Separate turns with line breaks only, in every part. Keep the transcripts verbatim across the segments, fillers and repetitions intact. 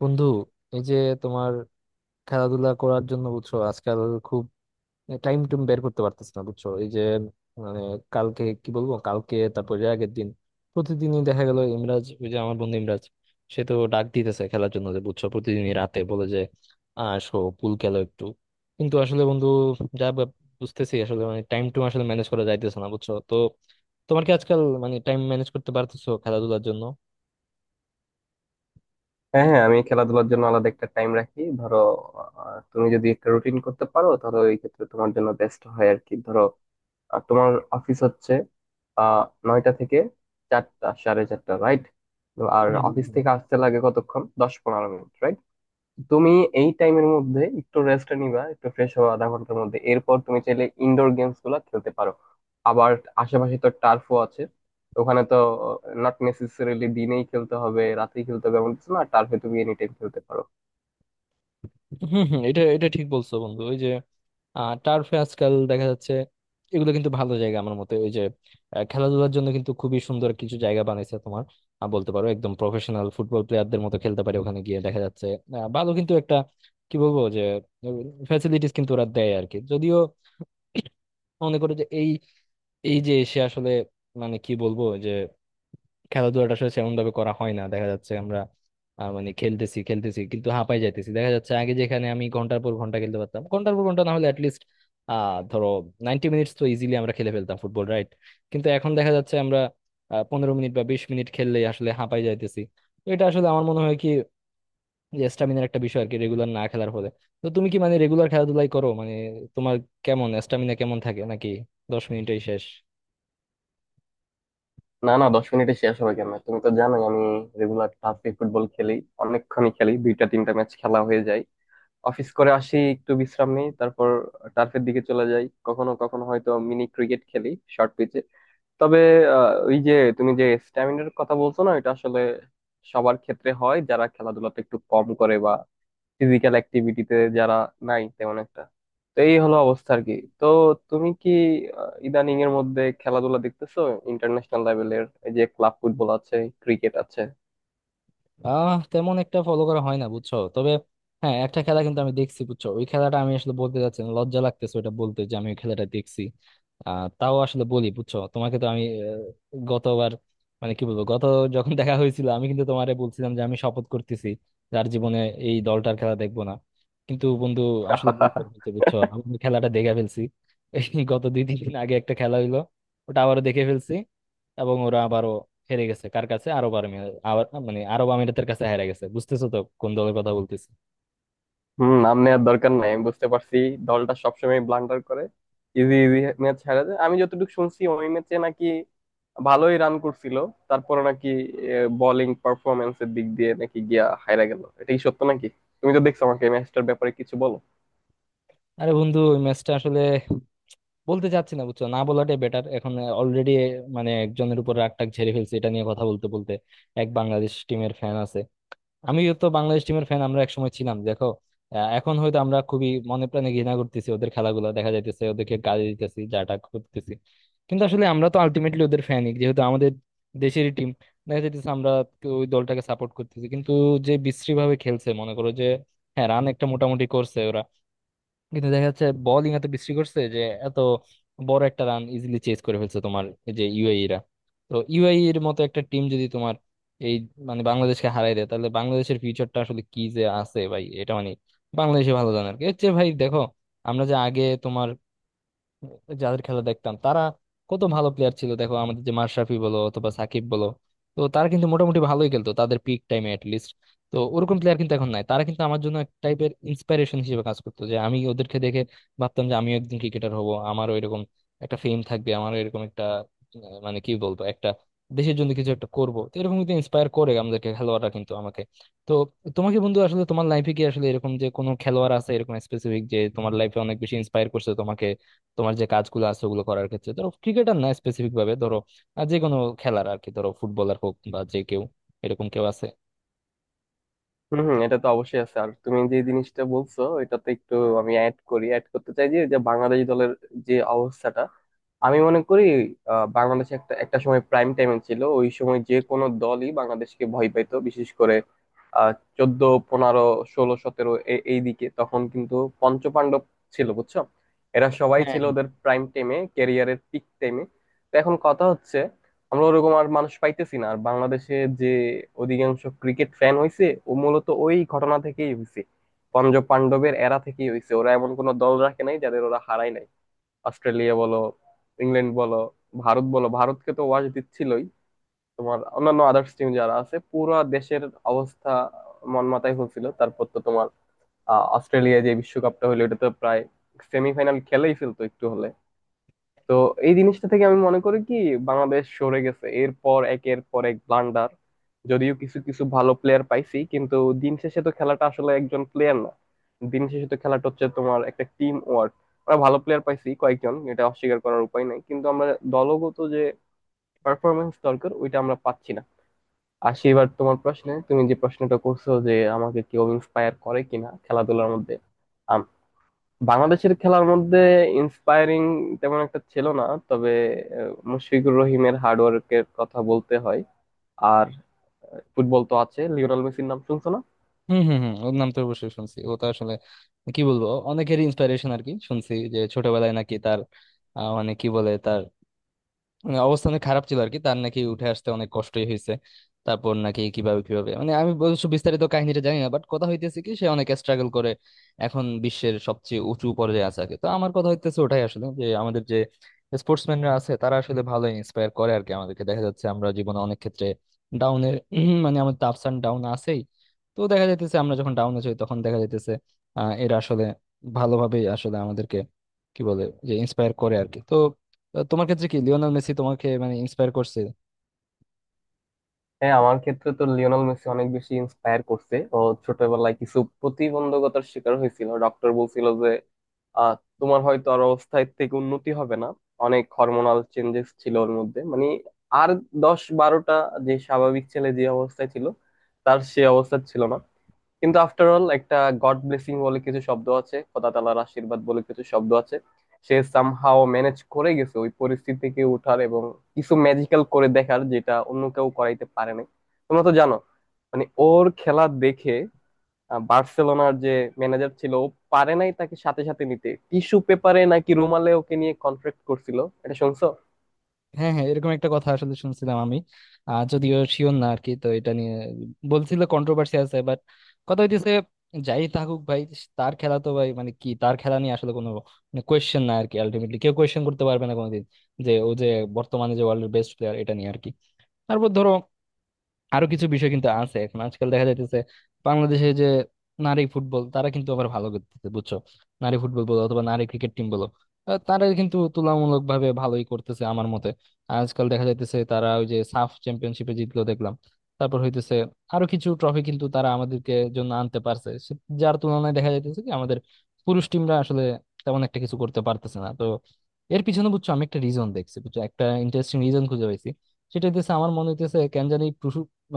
বন্ধু, এই যে তোমার খেলাধুলা করার জন্য বুঝছো আজকাল খুব টাইম টুম বের করতে পারতেছি না, বুঝছো? এই যে মানে কালকে কি বলবো, কালকে তারপর এর আগের দিন প্রতিদিনই দেখা গেল ইমরাজ, ওই যে আমার বন্ধু ইমরাজ, সে তো ডাক দিতেছে খেলার জন্য যে, বুঝছো? প্রতিদিনই রাতে বলে যে, "আহ, "আসো পুল খেলো একটু।" কিন্তু আসলে বন্ধু যা ভাব- বুঝতেছি আসলে মানে টাইম টুম আসলে ম্যানেজ করা যাইতেছে না, বুঝছো? তো তোমার কি আজকাল মানে টাইম ম্যানেজ করতে পারতেছো খেলাধুলার জন্য?
হ্যাঁ, হ্যাঁ, আমি খেলাধুলার জন্য আলাদা একটা টাইম রাখি। ধরো, আহ, তুমি যদি একটা রুটিন করতে পারো তাহলে ওই ক্ষেত্রে তোমার জন্য বেস্ট হয় আর কি। ধরো আহ, তোমার অফিস হচ্ছে আহ নয়টা থেকে চারটা, সাড়ে চারটা, রাইট? আর অফিস থেকে আসতে লাগে কতক্ষণ? দশ পনেরো মিনিট, right? তুমি এই টাইমের মধ্যে একটু রেস্ট নিবা, একটু ফ্রেশ হওয়া আধা ঘন্টার মধ্যে, এরপর তুমি চাইলে ইনডোর গেমস গুলা খেলতে পারো। আবার আশেপাশে তো টার্ফও আছে, ওখানে তো নট নেসেসারিলি দিনেই খেলতে হবে, রাতেই খেলতে হবে এমন কিছু না। টার্ফে তুমি এনি টাইম খেলতে পারো।
হম হম, এটা এটা ঠিক বলছো বন্ধু। ওই যে টার্ফে আজকাল দেখা যাচ্ছে, এগুলো কিন্তু ভালো জায়গা আমার মতে। ওই যে আহ, খেলাধুলার জন্য কিন্তু খুবই সুন্দর কিছু জায়গা বানাইছে তোমার। আহ, বলতে পারো একদম প্রফেশনাল ফুটবল প্লেয়ারদের মতো খেলতে পারে ওখানে গিয়ে দেখা যাচ্ছে। আহ, ভালো কিন্তু একটা, কি বলবো যে, ফ্যাসিলিটিস কিন্তু ওরা দেয় আর কি। যদিও মনে করো যে এই, এই যে সে আসলে মানে কি বলবো যে খেলাধুলাটা আসলে সেমন ভাবে করা হয় না দেখা যাচ্ছে আমরা। আহ, মানে খেলতেছি খেলতেছি কিন্তু হাঁপাই যাইতেছি দেখা যাচ্ছে। আগে যেখানে আমি ঘন্টার পর ঘন্টা খেলতে পারতাম, ঘন্টার পর ঘন্টা না হলে অ্যাটলিস্ট আহ ধরো নাইনটি মিনিটস তো ইজিলি আমরা খেলে ফেলতাম ফুটবল, রাইট? কিন্তু এখন দেখা যাচ্ছে আমরা পনেরো মিনিট বা বিশ মিনিট খেললেই আসলে হাঁপাই যাইতেছি। তো এটা আসলে আমার মনে হয় কি, যে স্টামিনার একটা বিষয় আর কি, রেগুলার না খেলার ফলে। তো তুমি কি মানে রেগুলার খেলাধুলাই করো? মানে তোমার কেমন স্টামিনা কেমন থাকে, নাকি দশ মিনিটেই শেষ?
না, না, দশ মিনিটে শেষ হবে কেন? তুমি তো জানোই আমি রেগুলার টার্ফে ফুটবল খেলি। অনেকক্ষণই খেলি, দুইটা তিনটা ম্যাচ খেলা হয়ে যায়। অফিস করে আসি, একটু বিশ্রাম নেই, তারপর টার্ফের দিকে চলে যাই। কখনো কখনো হয়তো মিনি ক্রিকেট খেলি শর্ট পিচে। তবে আহ, ওই যে, তুমি যে স্ট্যামিনার কথা বলছো না, এটা আসলে সবার ক্ষেত্রে হয় যারা খেলাধুলাতে একটু কম করে বা ফিজিক্যাল অ্যাক্টিভিটিতে যারা নাই তেমন একটা। তো এই হলো অবস্থা আর কি। তো তুমি কি আহ, ইদানিং এর মধ্যে খেলাধুলা দেখতেছো? ইন্টারন্যাশনাল লেভেলের এই যে ক্লাব ফুটবল আছে, ক্রিকেট আছে।
আহ তেমন একটা ফলো করা হয় না, বুঝছো। তবে হ্যাঁ, একটা খেলা কিন্তু আমি দেখছি, বুঝছো। ওই খেলাটা আমি আসলে বলতে যাচ্ছি না, লজ্জা লাগতেছে ওটা বলতে যে আমি ওই খেলাটা দেখছি। আহ তাও আসলে বলি বুঝছো, তোমাকে তো আমি। আহ, গতবার মানে কি বলবো গত যখন দেখা হয়েছিল আমি কিন্তু তোমারে বলছিলাম যে আমি শপথ করতেছি যার জীবনে এই দলটার খেলা দেখবো না। কিন্তু বন্ধু আসলে ভুল করে ফেলছি, বুঝছো। আমি ওই খেলাটা দেখে ফেলছি এই গত দুই তিন দিন আগে। একটা খেলা হইলো, ওটা আবারও দেখে ফেলছি এবং ওরা আবারও হেরে গেছে। কার কাছে? আরব আমিরাত। আবার মানে আরব আমিরাতের কাছে হেরে গেছে। বুঝতেছো তো কোন দলের কথা বলতেছি?
হম, নাম নেওয়ার দরকার নাই, আমি বুঝতে পারছি। দলটা সবসময় ব্লান্ডার করে, ইজি ইজি ম্যাচ হারা যায়। আমি যতটুকু শুনছি ওই ম্যাচে নাকি ভালোই রান করছিল, তারপরে নাকি বোলিং পারফরমেন্স এর দিক দিয়ে নাকি গিয়া হাইরা গেল। এটা কি সত্য নাকি? তুমি তো দেখছো, আমাকে ম্যাচটার ব্যাপারে কিছু বলো।
আরে বন্ধু ওই ম্যাচটা আসলে বলতে চাচ্ছি না, বুঝছো। না বলাটাই বেটার এখন। অলরেডি মানে একজনের উপর রাগ টাগ ঝেড়ে ফেলছে এটা নিয়ে কথা বলতে বলতে। এক বাংলাদেশ টিমের ফ্যান আছে, আমিও তো বাংলাদেশ টিমের ফ্যান, আমরা একসময় ছিলাম দেখো। আহ, এখন হয়তো আমরা খুবই মনে প্রাণে ঘৃণা করতেছি ওদের, খেলাগুলো দেখা যাইতেছে ওদেরকে গালি দিতেছি যাটা করতেছি। কিন্তু আসলে আমরা তো আলটিমেটলি ওদের ফ্যানই, যেহেতু আমাদের দেশেরই টিম। দেখা যাইতেছে আমরা তো ওই দলটাকে সাপোর্ট করতেছি, কিন্তু যে বিশ্রী ভাবে খেলছে মনে করো যে, হ্যাঁ রান একটা মোটামুটি করছে ওরা কিন্তু দেখা যাচ্ছে বোলিং এত বিশ্রী করছে যে এত বড় একটা রান ইজিলি চেজ করে ফেলছে তোমার এই যে ইউএই রা। তো ইউএই এর মতো একটা টিম যদি তোমার এই মানে বাংলাদেশকে হারাই দেয়, তাহলে বাংলাদেশের ফিউচারটা আসলে কি যে আছে ভাই, এটা মানে বাংলাদেশে ভালো জানার কি হচ্ছে ভাই দেখো। আমরা যে আগে তোমার যাদের খেলা দেখতাম তারা কত ভালো প্লেয়ার ছিল দেখো, আমাদের যে মাশরাফি বলো অথবা সাকিব বলো, তো তারা কিন্তু মোটামুটি ভালোই খেলতো তাদের পিক টাইমে লিস্ট। তো ওরকম প্লেয়ার কিন্তু এখন নাই। তারা কিন্তু আমার জন্য এক টাইপের ইন্সপিরেশন হিসেবে কাজ করতো, যে আমি ওদেরকে দেখে ভাবতাম যে আমিও একদিন ক্রিকেটার হব, আমারও এরকম একটা ফেম থাকবে, আমারও এরকম একটা, আহ, মানে কি বলবো, একটা দেশের জন্য কিছু একটা করবো। তো এরকম কিন্তু ইন্সপায়ার করে আমাদেরকে খেলোয়াড়রা কিন্তু আমাকে। তো তোমাকে বন্ধু আসলে তোমার লাইফে কি আসলে এরকম যে কোনো খেলোয়াড় আছে, এরকম স্পেসিফিক যে তোমার লাইফে অনেক বেশি ইন্সপায়ার করছে তোমাকে, তোমার যে কাজগুলো আছে ওগুলো করার ক্ষেত্রে? ধরো ক্রিকেটার না, স্পেসিফিক ভাবে ধরো আহ, যে কোনো খেলার আর কি, ধরো ফুটবলার হোক বা যে কেউ, এরকম কেউ আছে?
হম, হম, এটা তো অবশ্যই আছে। আর তুমি যে জিনিসটা বলছো এটাতে একটু আমি অ্যাড করি, অ্যাড করতে চাই যে যে বাংলাদেশ দলের যে অবস্থাটা, আমি মনে করি, আহ, বাংলাদেশে একটা একটা সময় প্রাইম টাইমে ছিল। ওই সময় যে কোনো দলই বাংলাদেশকে ভয় পাইতো, বিশেষ করে আহ চোদ্দ, পনেরো, ষোলো, সতেরো, এই দিকে। তখন কিন্তু পঞ্চপাণ্ডব ছিল, বুঝছো। এরা সবাই
হ্যাঁ,
ছিল ওদের প্রাইম টাইমে, ক্যারিয়ারের পিক টাইমে। তো এখন কথা হচ্ছে, আমরা ওরকম আর মানুষ পাইতেছি না আর। বাংলাদেশে যে অধিকাংশ ক্রিকেট ফ্যান হইছে ও মূলত ওই ঘটনা থেকেই হইছে, পঞ্চ পাণ্ডবের এরা থেকেই হইছে। ওরা এমন কোনো দল রাখে নাই যাদের ওরা হারায় নাই। অস্ট্রেলিয়া বলো, ইংল্যান্ড বলো, ভারত বলো, ভারতকে তো ওয়াশ দিচ্ছিলই, তোমার অন্যান্য আদার্স টিম যারা আছে, পুরো দেশের অবস্থা মন মাতায় হয়েছিল। তারপর তো তোমার আহ, অস্ট্রেলিয়ায় যে বিশ্বকাপটা হলো এটা তো প্রায় সেমিফাইনাল খেলেই ফেলতো একটু হলে। তো এই জিনিসটা থেকে আমি মনে করি কি বাংলাদেশ সরে গেছে, এরপর একের পর এক ব্লান্ডার। যদিও কিছু কিছু ভালো প্লেয়ার পাইছি, কিন্তু দিন শেষে তো খেলাটা আসলে একজন প্লেয়ার না, দিন শেষে তো খেলাটা হচ্ছে তোমার একটা টিম ওয়ার্ক। আমরা ভালো প্লেয়ার পাইছি কয়েকজন, এটা অস্বীকার করার উপায় নাই, কিন্তু আমরা দলগত যে পারফরমেন্স দরকার ওইটা আমরা পাচ্ছি না। আর সেবার তোমার প্রশ্নে, তুমি যে প্রশ্নটা করছো যে আমাকে কেউ ইন্সপায়ার করে কিনা খেলাধুলার মধ্যে, বাংলাদেশের খেলার মধ্যে ইন্সপায়ারিং তেমন একটা ছিল না। তবে আহ, মুশফিকুর রহিমের হার্ডওয়ার্কের কথা বলতে হয়। আর আহ, ফুটবল তো আছে, লিওনেল মেসির নাম শুনছো না।
হম হম হম, ওর নাম তো অবশ্যই শুনছি। ও তো আসলে কি বলবো অনেকেরই ইন্সপিরেশন আর কি। শুনছি যে ছোটবেলায় নাকি তার, আহ, মানে কি বলে, তার মানে অবস্থা অনেক খারাপ ছিল আর কি, তার নাকি উঠে আসতে অনেক কষ্টই হয়েছে। তারপর নাকি কিভাবে কিভাবে মানে আমি অবশ্য বিস্তারিত কাহিনীটা জানি না, বাট কথা হইতেছে কি সে অনেক স্ট্রাগল করে এখন বিশ্বের সবচেয়ে উঁচু পর্যায়ে আছে আর কি। তো আমার কথা হইতেছে ওটাই আসলে, যে আমাদের যে স্পোর্টসম্যানরা আছে তারা আসলে ভালো ইন্সপায়ার করে আর কি আমাদেরকে। দেখা যাচ্ছে আমরা জীবনে অনেক ক্ষেত্রে ডাউনের মানে আমাদের আপস অ্যান্ড ডাউন আছেই। তো দেখা যাইতেছে আমরা যখন ডাউনে যাই তখন দেখা যাইতেছে আহ এরা আসলে ভালোভাবেই আসলে আমাদেরকে কি বলে যে ইন্সপায়ার করে আর কি। তো তো তোমার ক্ষেত্রে কি লিওনেল মেসি তোমাকে মানে ইন্সপায়ার করছে?
হ্যাঁ, আমার ক্ষেত্রে তো লিওনেল মেসি অনেক বেশি ইন্সপায়ার করছে। ও ছোটবেলায় কিছু প্রতিবন্ধকতার শিকার হয়েছিল, ডক্টর বলছিল যে আহ তোমার হয়তো আর অবস্থায় থেকে উন্নতি হবে না। অনেক হরমোনাল চেঞ্জেস ছিল ওর মধ্যে, মানে আর দশ বারোটা যে স্বাভাবিক ছেলে যে অবস্থায় ছিল, তার সে অবস্থা ছিল না। কিন্তু আফটার অল একটা গড ব্লেসিং বলে কিছু শব্দ আছে, খোদা তাআলার আশীর্বাদ বলে কিছু শব্দ আছে। সে সামহাও ম্যানেজ করে গেছে ওই পরিস্থিতি থেকে ওঠার এবং কিছু ম্যাজিক্যাল করে দেখার, যেটা অন্য কেউ করাইতে পারে নাই। তোমরা তো জানো মানে ওর খেলা দেখে। আহ, বার্সেলোনার যে ম্যানেজার ছিল, ও পারে নাই তাকে সাথে সাথে নিতে, টিস্যু পেপারে নাকি রুমালে ওকে নিয়ে কন্ট্রাক্ট করছিল। এটা শুনছো?
হ্যাঁ হ্যাঁ, এরকম একটা কথা আসলে শুনছিলাম আমি। আহ যদিও শিওর না আর কি, তো এটা নিয়ে বলছিল কন্ট্রোভার্সি আছে। বাট কথা হইতেছে যাই থাকুক ভাই, তার খেলা তো ভাই মানে কি তার খেলা নিয়ে আসলে কোনো মানে কোয়েশ্চেন না আর কি। আলটিমেটলি কেউ কোয়েশ্চেন করতে পারবে না কোনোদিন যে ও যে বর্তমানে যে ওয়ার্ল্ডের বেস্ট প্লেয়ার, এটা নিয়ে আর কি। তারপর ধরো আরো কিছু বিষয় কিন্তু আছে এখন আজকাল দেখা যাইতেছে। বাংলাদেশে যে নারী ফুটবল, তারা কিন্তু আবার ভালো করতেছে, বুঝছো। নারী ফুটবল বলো অথবা নারী ক্রিকেট টিম বলো, আহ, তারা কিন্তু তুলনামূলক ভাবে ভালোই করতেছে আমার মতে। আজকাল দেখা যাইতেছে তারা ওই যে সাফ চ্যাম্পিয়নশিপে জিতলো দেখলাম। তারপর হইতেছে আরো কিছু ট্রফি কিন্তু তারা আমাদেরকে জন্য আনতে পারছে। সে- যার তুলনায় দেখা যাইতেছে কি আমাদের পুরুষ টিমরা আসলে তেমন একটা কিছু করতে পারতেছে না। তো এর পিছনে, বুঝছো, আমি একটা রিজন দেখছি, বুঝছো, একটা ইন্টারেস্টিং রিজন খুঁজে পাইছি। সেটা হইতেছে আমার মনে হইতেছে কেন জানি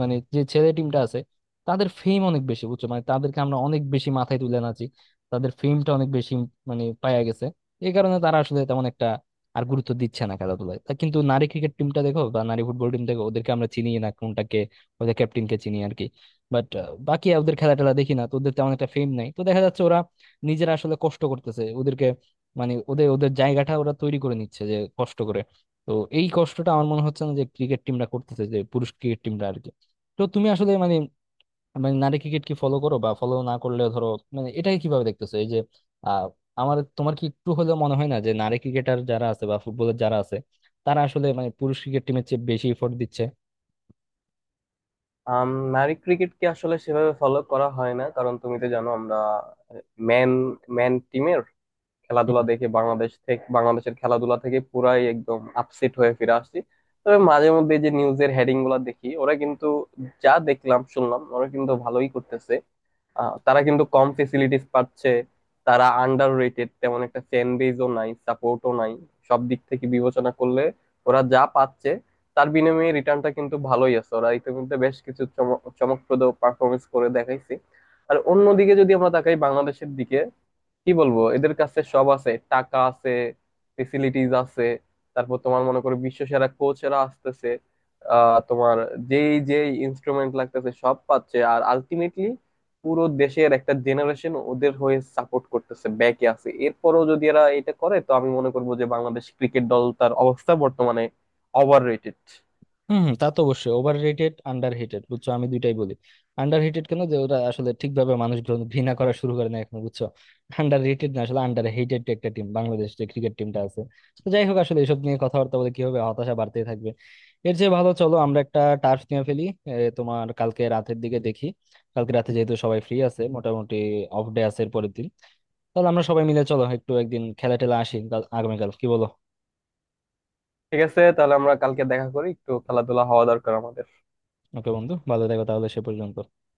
মানে যে ছেলে টিমটা আছে তাদের ফেম অনেক বেশি, বুঝছো। মানে তাদেরকে আমরা অনেক বেশি মাথায় তুলে নাচি, তাদের ফেমটা অনেক বেশি, মানে পায়া গেছে। এই কারণে তারা আসলে তেমন একটা আর গুরুত্ব দিচ্ছে না খেলাধুলায়। তা কিন্তু নারী ক্রিকেট টিমটা দেখো বা নারী ফুটবল টিম দেখো, ওদেরকে আমরা চিনি না কোনটাকে, ওদের ক্যাপ্টেনকে চিনি আর কি। বাট বাকি ওদের খেলা টেলা দেখি না, তো ওদের তেমন একটা ফেম নাই, তো দেখা যাচ্ছে ওরা নিজেরা আসলে কষ্ট করতেছে। ওদেরকে মানে ওদের ওদের জায়গাটা ওরা তৈরি করে নিচ্ছে যে কষ্ট করে। তো এই কষ্টটা আমার মনে হচ্ছে না যে ক্রিকেট টিমটা করতেছে, যে পুরুষ ক্রিকেট টিমটা আর কি। তো তুমি আসলে মানে, মানে নারী ক্রিকেট কি ফলো করো বা ফলো না করলে ধরো মানে এটাকে কিভাবে দেখতেছো এই যে, আহ আমার তোমার কি একটু হলেও মনে হয় না যে নারী ক্রিকেটার যারা আছে বা ফুটবলার যারা আছে তারা আসলে মানে পুরুষ ক্রিকেট টিমের চেয়ে বেশি এফোর্ট দিচ্ছে?
আম, নারী ক্রিকেটকে আসলে সেভাবে ফলো করা হয় না, কারণ তুমি তো জানো আমরা ম্যান ম্যান টিমের খেলাধুলা দেখে বাংলাদেশ থেকে, বাংলাদেশের খেলাধুলা থেকে পুরাই একদম আপসেট হয়ে ফিরে আসছি। তবে মাঝে মধ্যে যে নিউজের হেডিং গুলা দেখি, ওরা কিন্তু যা দেখলাম শুনলাম ওরা কিন্তু ভালোই করতেছে। আহ, তারা কিন্তু কম ফেসিলিটিস পাচ্ছে, তারা আন্ডার রেটেড, তেমন একটা ফ্যান বেজও নাই, সাপোর্টও নাই। সব দিক থেকে বিবেচনা করলে ওরা যা পাচ্ছে তার বিনিময়ে রিটার্নটা কিন্তু ভালোই আছে। ওরা ইতিমধ্যে বেশ কিছু চমক- চমকপ্রদ পারফরমেন্স করে দেখাইছে। আর অন্যদিকে যদি আমরা তাকাই বাংলাদেশের দিকে, কি বলবো, এদের কাছে সব আছে, টাকা আছে, ফেসিলিটিস আছে, তারপর তোমার মনে করো বিশ্বসেরা কোচেরা আসতেছে, আহ তোমার যেই যেই ইনস্ট্রুমেন্ট লাগতেছে সব পাচ্ছে, আর আলটিমেটলি পুরো দেশের একটা জেনারেশন ওদের হয়ে সাপোর্ট করতেছে, ব্যাকে আছে। এরপরও যদি এরা এটা করে তো আমি মনে করবো যে বাংলাদেশ ক্রিকেট দল তার অবস্থা বর্তমানে ওভার রেটেড।
হম হম, তা তো অবশ্যই ওভার রেটেড, আন্ডার রেটেড, বুঝছো আমি দুইটাই বলি। আন্ডার রেটেড কেন যে ওরা আসলে ঠিকভাবে মানুষ গ্রহণ- ঘৃণা করা শুরু করে না এখন, বুঝছো। আন্ডার রেটেড না আসলে আন্ডার হেটেড একটা টিম বাংলাদেশ যে ক্রিকেট টিমটা আছে। তো যাই হোক আসলে এসব নিয়ে কথাবার্তা বলে কি হবে, হতাশা বাড়তেই থাকবে। এর চেয়ে ভালো চলো আমরা একটা টার্ফ নিয়ে ফেলি। এ, তোমার কালকে রাতের দিকে দেখি, কালকে রাতে যেহেতু সবাই ফ্রি আছে মোটামুটি, অফ ডে আছে এর পরের দিন, তাহলে আমরা সবাই মিলে চলো একটু একদিন খেলা টেলা আসি কাল- আগামীকাল, কি বলো?
ঠিক আছে, তাহলে আমরা কালকে দেখা করি, একটু খেলাধুলা হওয়া দরকার আমাদের।
ওকে বন্ধু, ভালো থেকো তাহলে সে পর্যন্ত।